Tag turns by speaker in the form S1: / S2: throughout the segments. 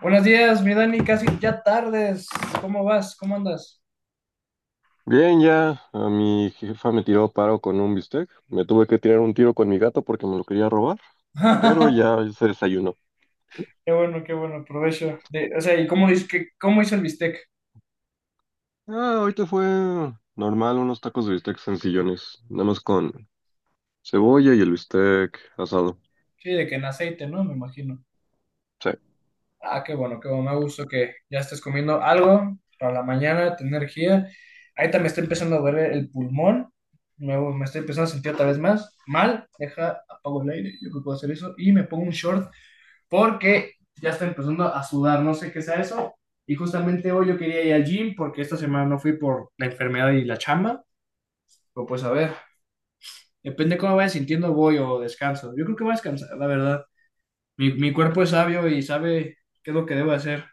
S1: Buenos días, mi Dani, casi ya tardes. ¿Cómo vas? ¿Cómo andas?
S2: Bien, ya a mi jefa me tiró paro con un bistec. Me tuve que tirar un tiro con mi gato porque me lo quería robar, pero ya se desayunó.
S1: Qué bueno, provecho. O sea, ¿y cómo, dices que, cómo hizo el bistec?
S2: Ah, ahorita fue normal, unos tacos de bistec sencillones, nada más con cebolla y el bistec asado.
S1: Sí, de que en aceite, ¿no? Me imagino.
S2: Sí.
S1: Ah, qué bueno, qué bueno. Me da gusto que ya estés comiendo algo para la mañana, tener energía. Ahorita me está empezando a doler el pulmón. Me estoy empezando a sentir otra vez más mal. Deja, apago el aire. Yo creo que puedo hacer eso. Y me pongo un short porque ya está empezando a sudar, no sé qué sea eso. Y justamente hoy yo quería ir al gym porque esta semana no fui por la enfermedad y la chamba. Pero pues a ver, depende de cómo vaya sintiendo, voy o descanso. Yo creo que voy a descansar, la verdad. Mi cuerpo es sabio y sabe qué es lo que debo hacer.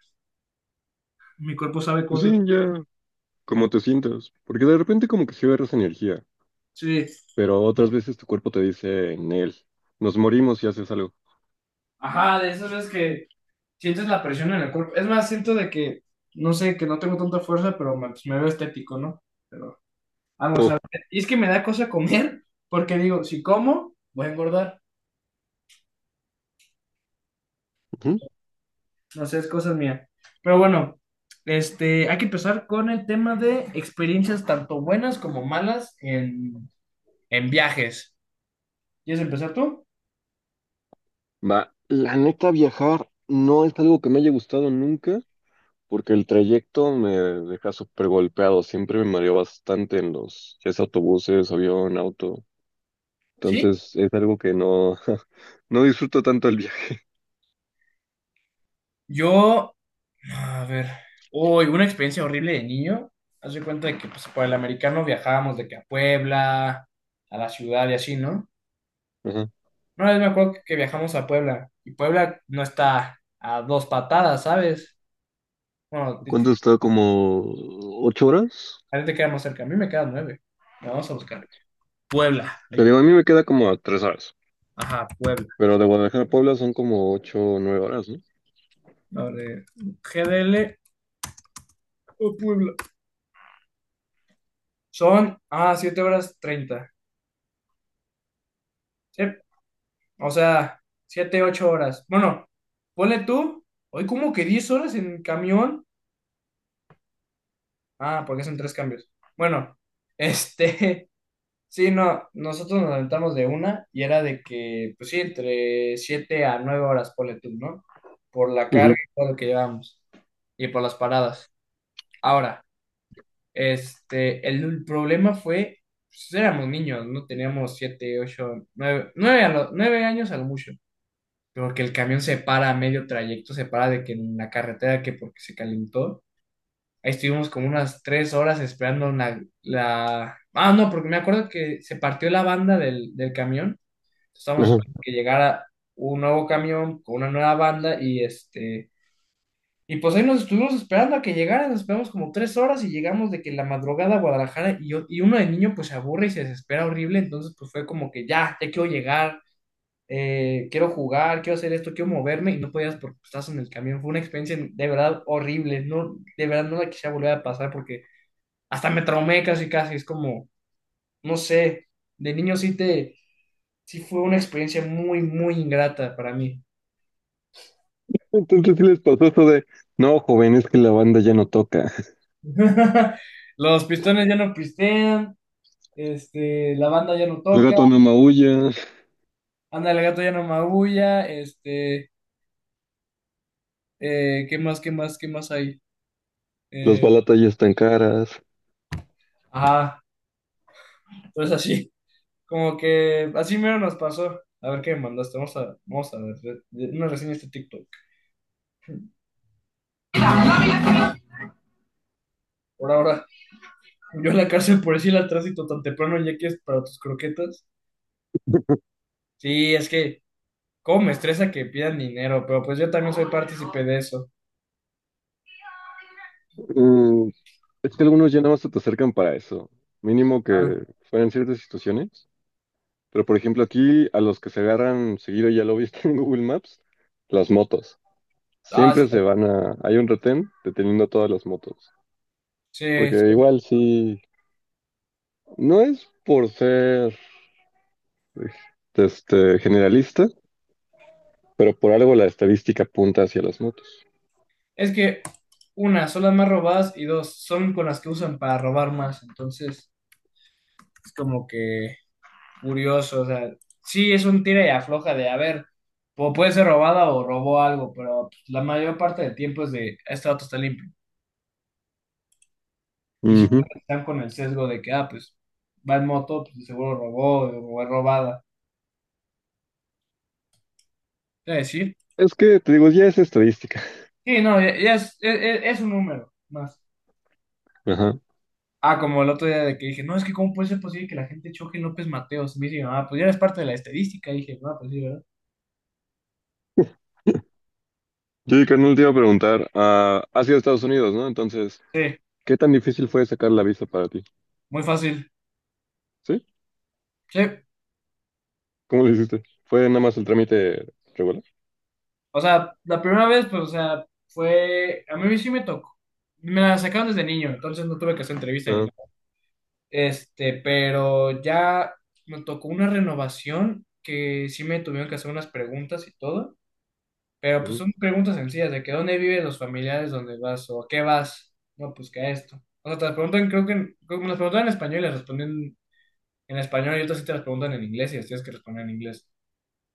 S1: Mi cuerpo sabe
S2: Pues sí,
S1: cosas.
S2: ya, como te sientas, porque de repente como que sí agarras energía,
S1: Sí.
S2: pero otras veces tu cuerpo te dice, Nel, nos morimos y haces algo.
S1: Ajá, de esas veces que sientes la presión en el cuerpo. Es más, siento de que, no sé, que no tengo tanta fuerza, pero me, pues, me veo estético, ¿no? Pero vamos a ver. Y es que me da cosa comer porque digo, si como, voy a engordar.
S2: Ujú.
S1: No sé, es cosa mía. Pero bueno, hay que empezar con el tema de experiencias tanto buenas como malas en viajes. ¿Quieres empezar tú?
S2: Va, la neta viajar no es algo que me haya gustado nunca, porque el trayecto me deja súper golpeado, siempre me mareo bastante en los, ya sea autobuses, avión, auto.
S1: ¿Sí?
S2: Entonces es algo que no, no disfruto tanto el viaje.
S1: Yo, a ver, hoy una experiencia horrible de niño. Haz de cuenta de que pues, por el americano viajábamos de que a Puebla, a la ciudad y así, ¿no?
S2: Ajá.
S1: Una vez me acuerdo que viajamos a Puebla y Puebla no está a dos patadas, ¿sabes? Bueno, a ti
S2: ¿Cuánto está? ¿Como ocho horas?
S1: te queda más cerca, a mí me queda nueve. La vamos a buscar. Puebla.
S2: Te
S1: Ay.
S2: digo, a mí me queda como a tres horas,
S1: Ajá, Puebla.
S2: pero de Guadalajara a Puebla son como ocho o nueve horas, ¿no?
S1: A ver, GDL o Puebla. Son, 7:30. Sí, o sea, 7 u 8 horas. Bueno, ponle tú, hoy como que 10 horas en camión. Ah, porque son tres cambios. Bueno, este, sí, no, nosotros nos aventamos de una y era de que, pues sí, entre 7 a 9 horas, ponle tú, ¿no? Por la carga
S2: Ujú,
S1: y todo lo que llevamos y por las paradas. Ahora. El problema fue, pues, éramos niños, no teníamos siete, ocho, nueve, 9 años a lo mucho, pero que el camión se para a medio trayecto, se para de que en la carretera, que porque se calentó, ahí estuvimos como unas 3 horas esperando. Ah, no, porque me acuerdo que se partió la banda del camión, estábamos
S2: ajá.
S1: esperando que llegara un nuevo camión con una nueva banda y pues ahí nos estuvimos esperando a que llegaran, nos esperamos como 3 horas y llegamos de que la madrugada a Guadalajara y uno de niño pues se aburre y se desespera horrible, entonces pues fue como que ya quiero llegar, quiero jugar, quiero hacer esto, quiero moverme y no podías porque estás en el camión. Fue una experiencia de verdad horrible, no, de verdad no la quisiera volver a pasar porque hasta me traumé casi casi, es como, no sé, de niño sí fue una experiencia muy, muy ingrata para mí.
S2: Entonces sí les pasó esto de, no, joven, es que la banda ya no toca.
S1: Los pistones ya no pistean. La banda ya no
S2: El
S1: toca,
S2: gato no maulla,
S1: anda el gato ya no maulla, ¿qué más, qué más, qué más hay?
S2: las
S1: Eh,
S2: balatas ya están caras.
S1: ajá, entonces así, como que así mero nos pasó. A ver qué me mandaste, vamos a ver una reseña de este TikTok. Por ahora, yo en la cárcel por decir al tránsito tan temprano ya que es para tus croquetas. Sí, es que, cómo me estresa que pidan dinero, pero pues yo también soy partícipe de eso.
S2: Mm, es que algunos ya nada más se te acercan para eso. Mínimo
S1: Ah,
S2: que fueran ciertas situaciones. Pero por ejemplo aquí a los que se agarran seguido, ya lo viste en Google Maps, las motos.
S1: ah,
S2: Siempre se van a... Hay un retén deteniendo a todas las motos.
S1: sí,
S2: Porque
S1: sí,
S2: igual sí... No es por ser generalista, pero por algo la estadística apunta hacia las motos.
S1: es que, una, son las más robadas y dos, son con las que usan para robar más. Entonces, es como que curioso. O sea, sí es un tira y afloja de, a ver, o puede ser robada o robó algo, pero pues, la mayor parte del tiempo es de, este auto está limpio. Y si
S2: Ujú.
S1: están con el sesgo de que, ah, pues, va en moto, pues seguro robó o es robada. Es decir,
S2: Es que, te digo, ya es estadística.
S1: sí, no, ya es un número más.
S2: Ajá.
S1: Ah, como el otro día de que dije, no, es que cómo puede ser posible que la gente choque en López Mateos. Me dice, ah, pues ya eres parte de la estadística. Dije, no, pues sí, ¿verdad?
S2: Sí, carnal, te iba a preguntar, ah, ¿has ido a Estados Unidos, no? Entonces,
S1: Sí,
S2: ¿qué tan difícil fue sacar la visa para ti?
S1: muy fácil.
S2: ¿Sí?
S1: Sí,
S2: ¿Cómo lo hiciste? ¿Fue nada más el trámite regular?
S1: o sea, la primera vez, pues, o sea, fue, a mí sí me tocó. Me la sacaron desde niño, entonces no tuve que hacer entrevista ni
S2: Ah,
S1: nada. Pero ya me tocó una renovación que sí me tuvieron que hacer unas preguntas y todo. Pero pues
S2: ujú,
S1: son preguntas sencillas de que dónde viven los familiares, donde vas o a qué vas. No, pues que a esto. O sea, te las preguntan, creo que creo que me las preguntan en español y las responden en español y otras sí te las preguntan en inglés y las tienes que responder en inglés.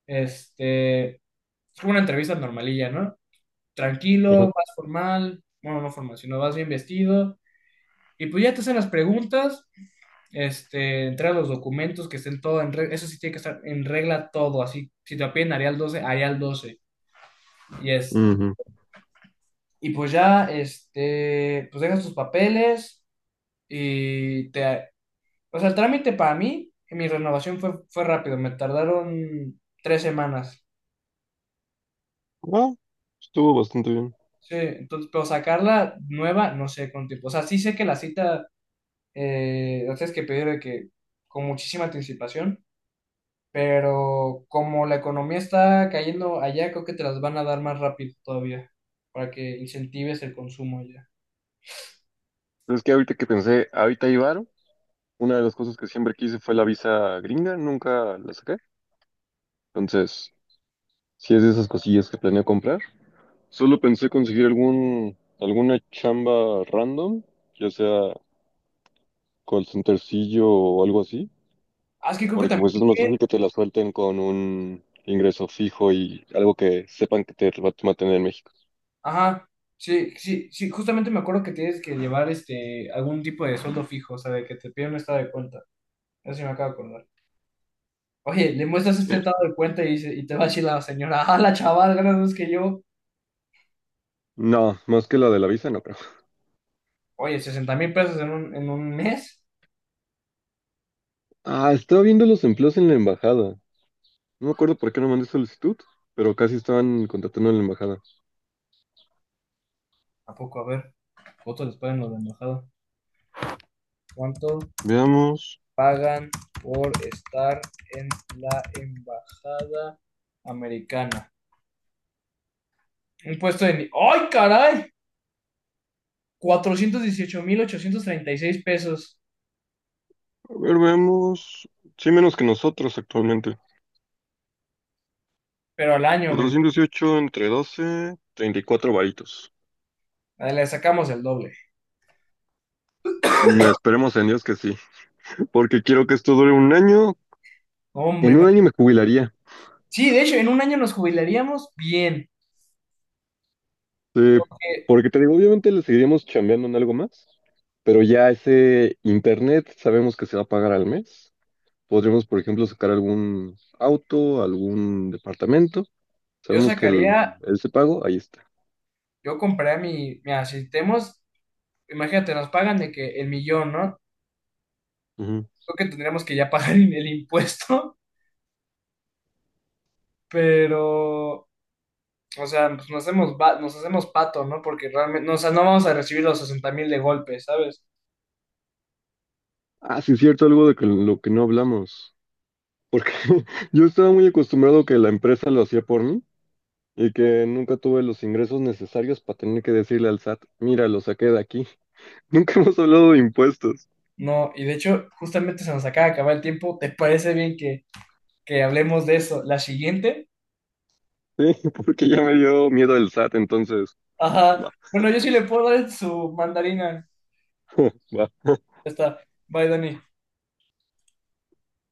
S1: Es como una entrevista normalilla, ¿no? Tranquilo,
S2: ajá,
S1: vas formal, bueno, no formal, sino vas bien vestido y pues ya te hacen las preguntas, entrega los documentos que estén todo en regla, eso sí tiene que estar en regla todo, así. Si te piden Arial 12, Arial 12 Y es
S2: ujú.
S1: Y pues ya, pues dejas tus papeles y te... O sea, el trámite para mí, mi renovación fue rápido, me tardaron 3 semanas.
S2: Ah, estuvo bastante bien.
S1: Sí, entonces, pero sacarla nueva, no sé cuánto tiempo. O sea, sí sé que la cita, la tienes que pedir de que con muchísima anticipación, pero como la economía está cayendo allá, creo que te las van a dar más rápido todavía, para que incentives el consumo allá.
S2: Es que ahorita que pensé, ahorita hay varo, una de las cosas que siempre quise fue la visa gringa, nunca la saqué. Entonces, si es de esas cosillas que planeo comprar, solo pensé conseguir algún, alguna chamba random, ya sea call centercillo o algo así,
S1: Ah, es que creo que
S2: porque
S1: también.
S2: pues es más fácil que te la suelten con un ingreso fijo y algo que sepan que te va a mantener en México.
S1: Ajá, sí, sí, sí, justamente me acuerdo que tienes que llevar algún tipo de sueldo fijo, o sea, de que te piden un estado de cuenta. Eso sí me acabo de acordar. Oye, le muestras este
S2: Sí.
S1: estado de cuenta y te va a decir la señora, ah, la chaval, ganas más que yo.
S2: No, más que la de la visa, no creo.
S1: Oye, 60,000 pesos en en un mes.
S2: Ah, estaba viendo los empleos en la embajada. No me acuerdo por qué no mandé solicitud, pero casi estaban contratando en la embajada.
S1: ¿A poco? A ver, ¿cuánto les pagan los de embajada? ¿Cuánto
S2: Veamos,
S1: pagan por estar en la embajada americana? Un puesto de... ni- ¡Ay, caray! 418,836 pesos.
S2: a ver, veamos. Sí, menos que nosotros actualmente.
S1: Pero al año me
S2: 418 entre 12, 34 varitos.
S1: le sacamos el doble.
S2: Mm, esperemos en Dios que sí, porque quiero que esto dure un año.
S1: Hombre,
S2: En un año me
S1: imagínate.
S2: jubilaría.
S1: Sí, de hecho, en un año nos jubilaríamos bien.
S2: Sí,
S1: Eh,
S2: porque te digo, obviamente le seguiríamos chambeando en algo más, pero ya ese internet sabemos que se va a pagar al mes. Podríamos, por ejemplo, sacar algún auto, algún departamento.
S1: Yo
S2: Sabemos que el,
S1: sacaría,
S2: ese pago, ahí está.
S1: yo compraría mira, si tenemos, imagínate, nos pagan de que el millón, ¿no?
S2: Ujú.
S1: Creo que tendríamos que ya pagar el impuesto, pero, o sea, pues nos hacemos pato, ¿no? Porque realmente, no, o sea, no vamos a recibir los 60,000 de golpe, ¿sabes?
S2: Ah, sí, es cierto, algo de que, lo que no hablamos. Porque yo estaba muy acostumbrado que la empresa lo hacía por mí y que nunca tuve los ingresos necesarios para tener que decirle al SAT, mira, lo saqué de aquí. Nunca hemos hablado de impuestos.
S1: No, y de hecho, justamente se nos acaba de acabar el tiempo. ¿Te parece bien que hablemos de eso la siguiente?
S2: Sí, porque ya me dio miedo el SAT, entonces,
S1: Ajá.
S2: va,
S1: Bueno, yo sí le puedo dar su mandarina.
S2: va.
S1: Ya está. Bye, Dani.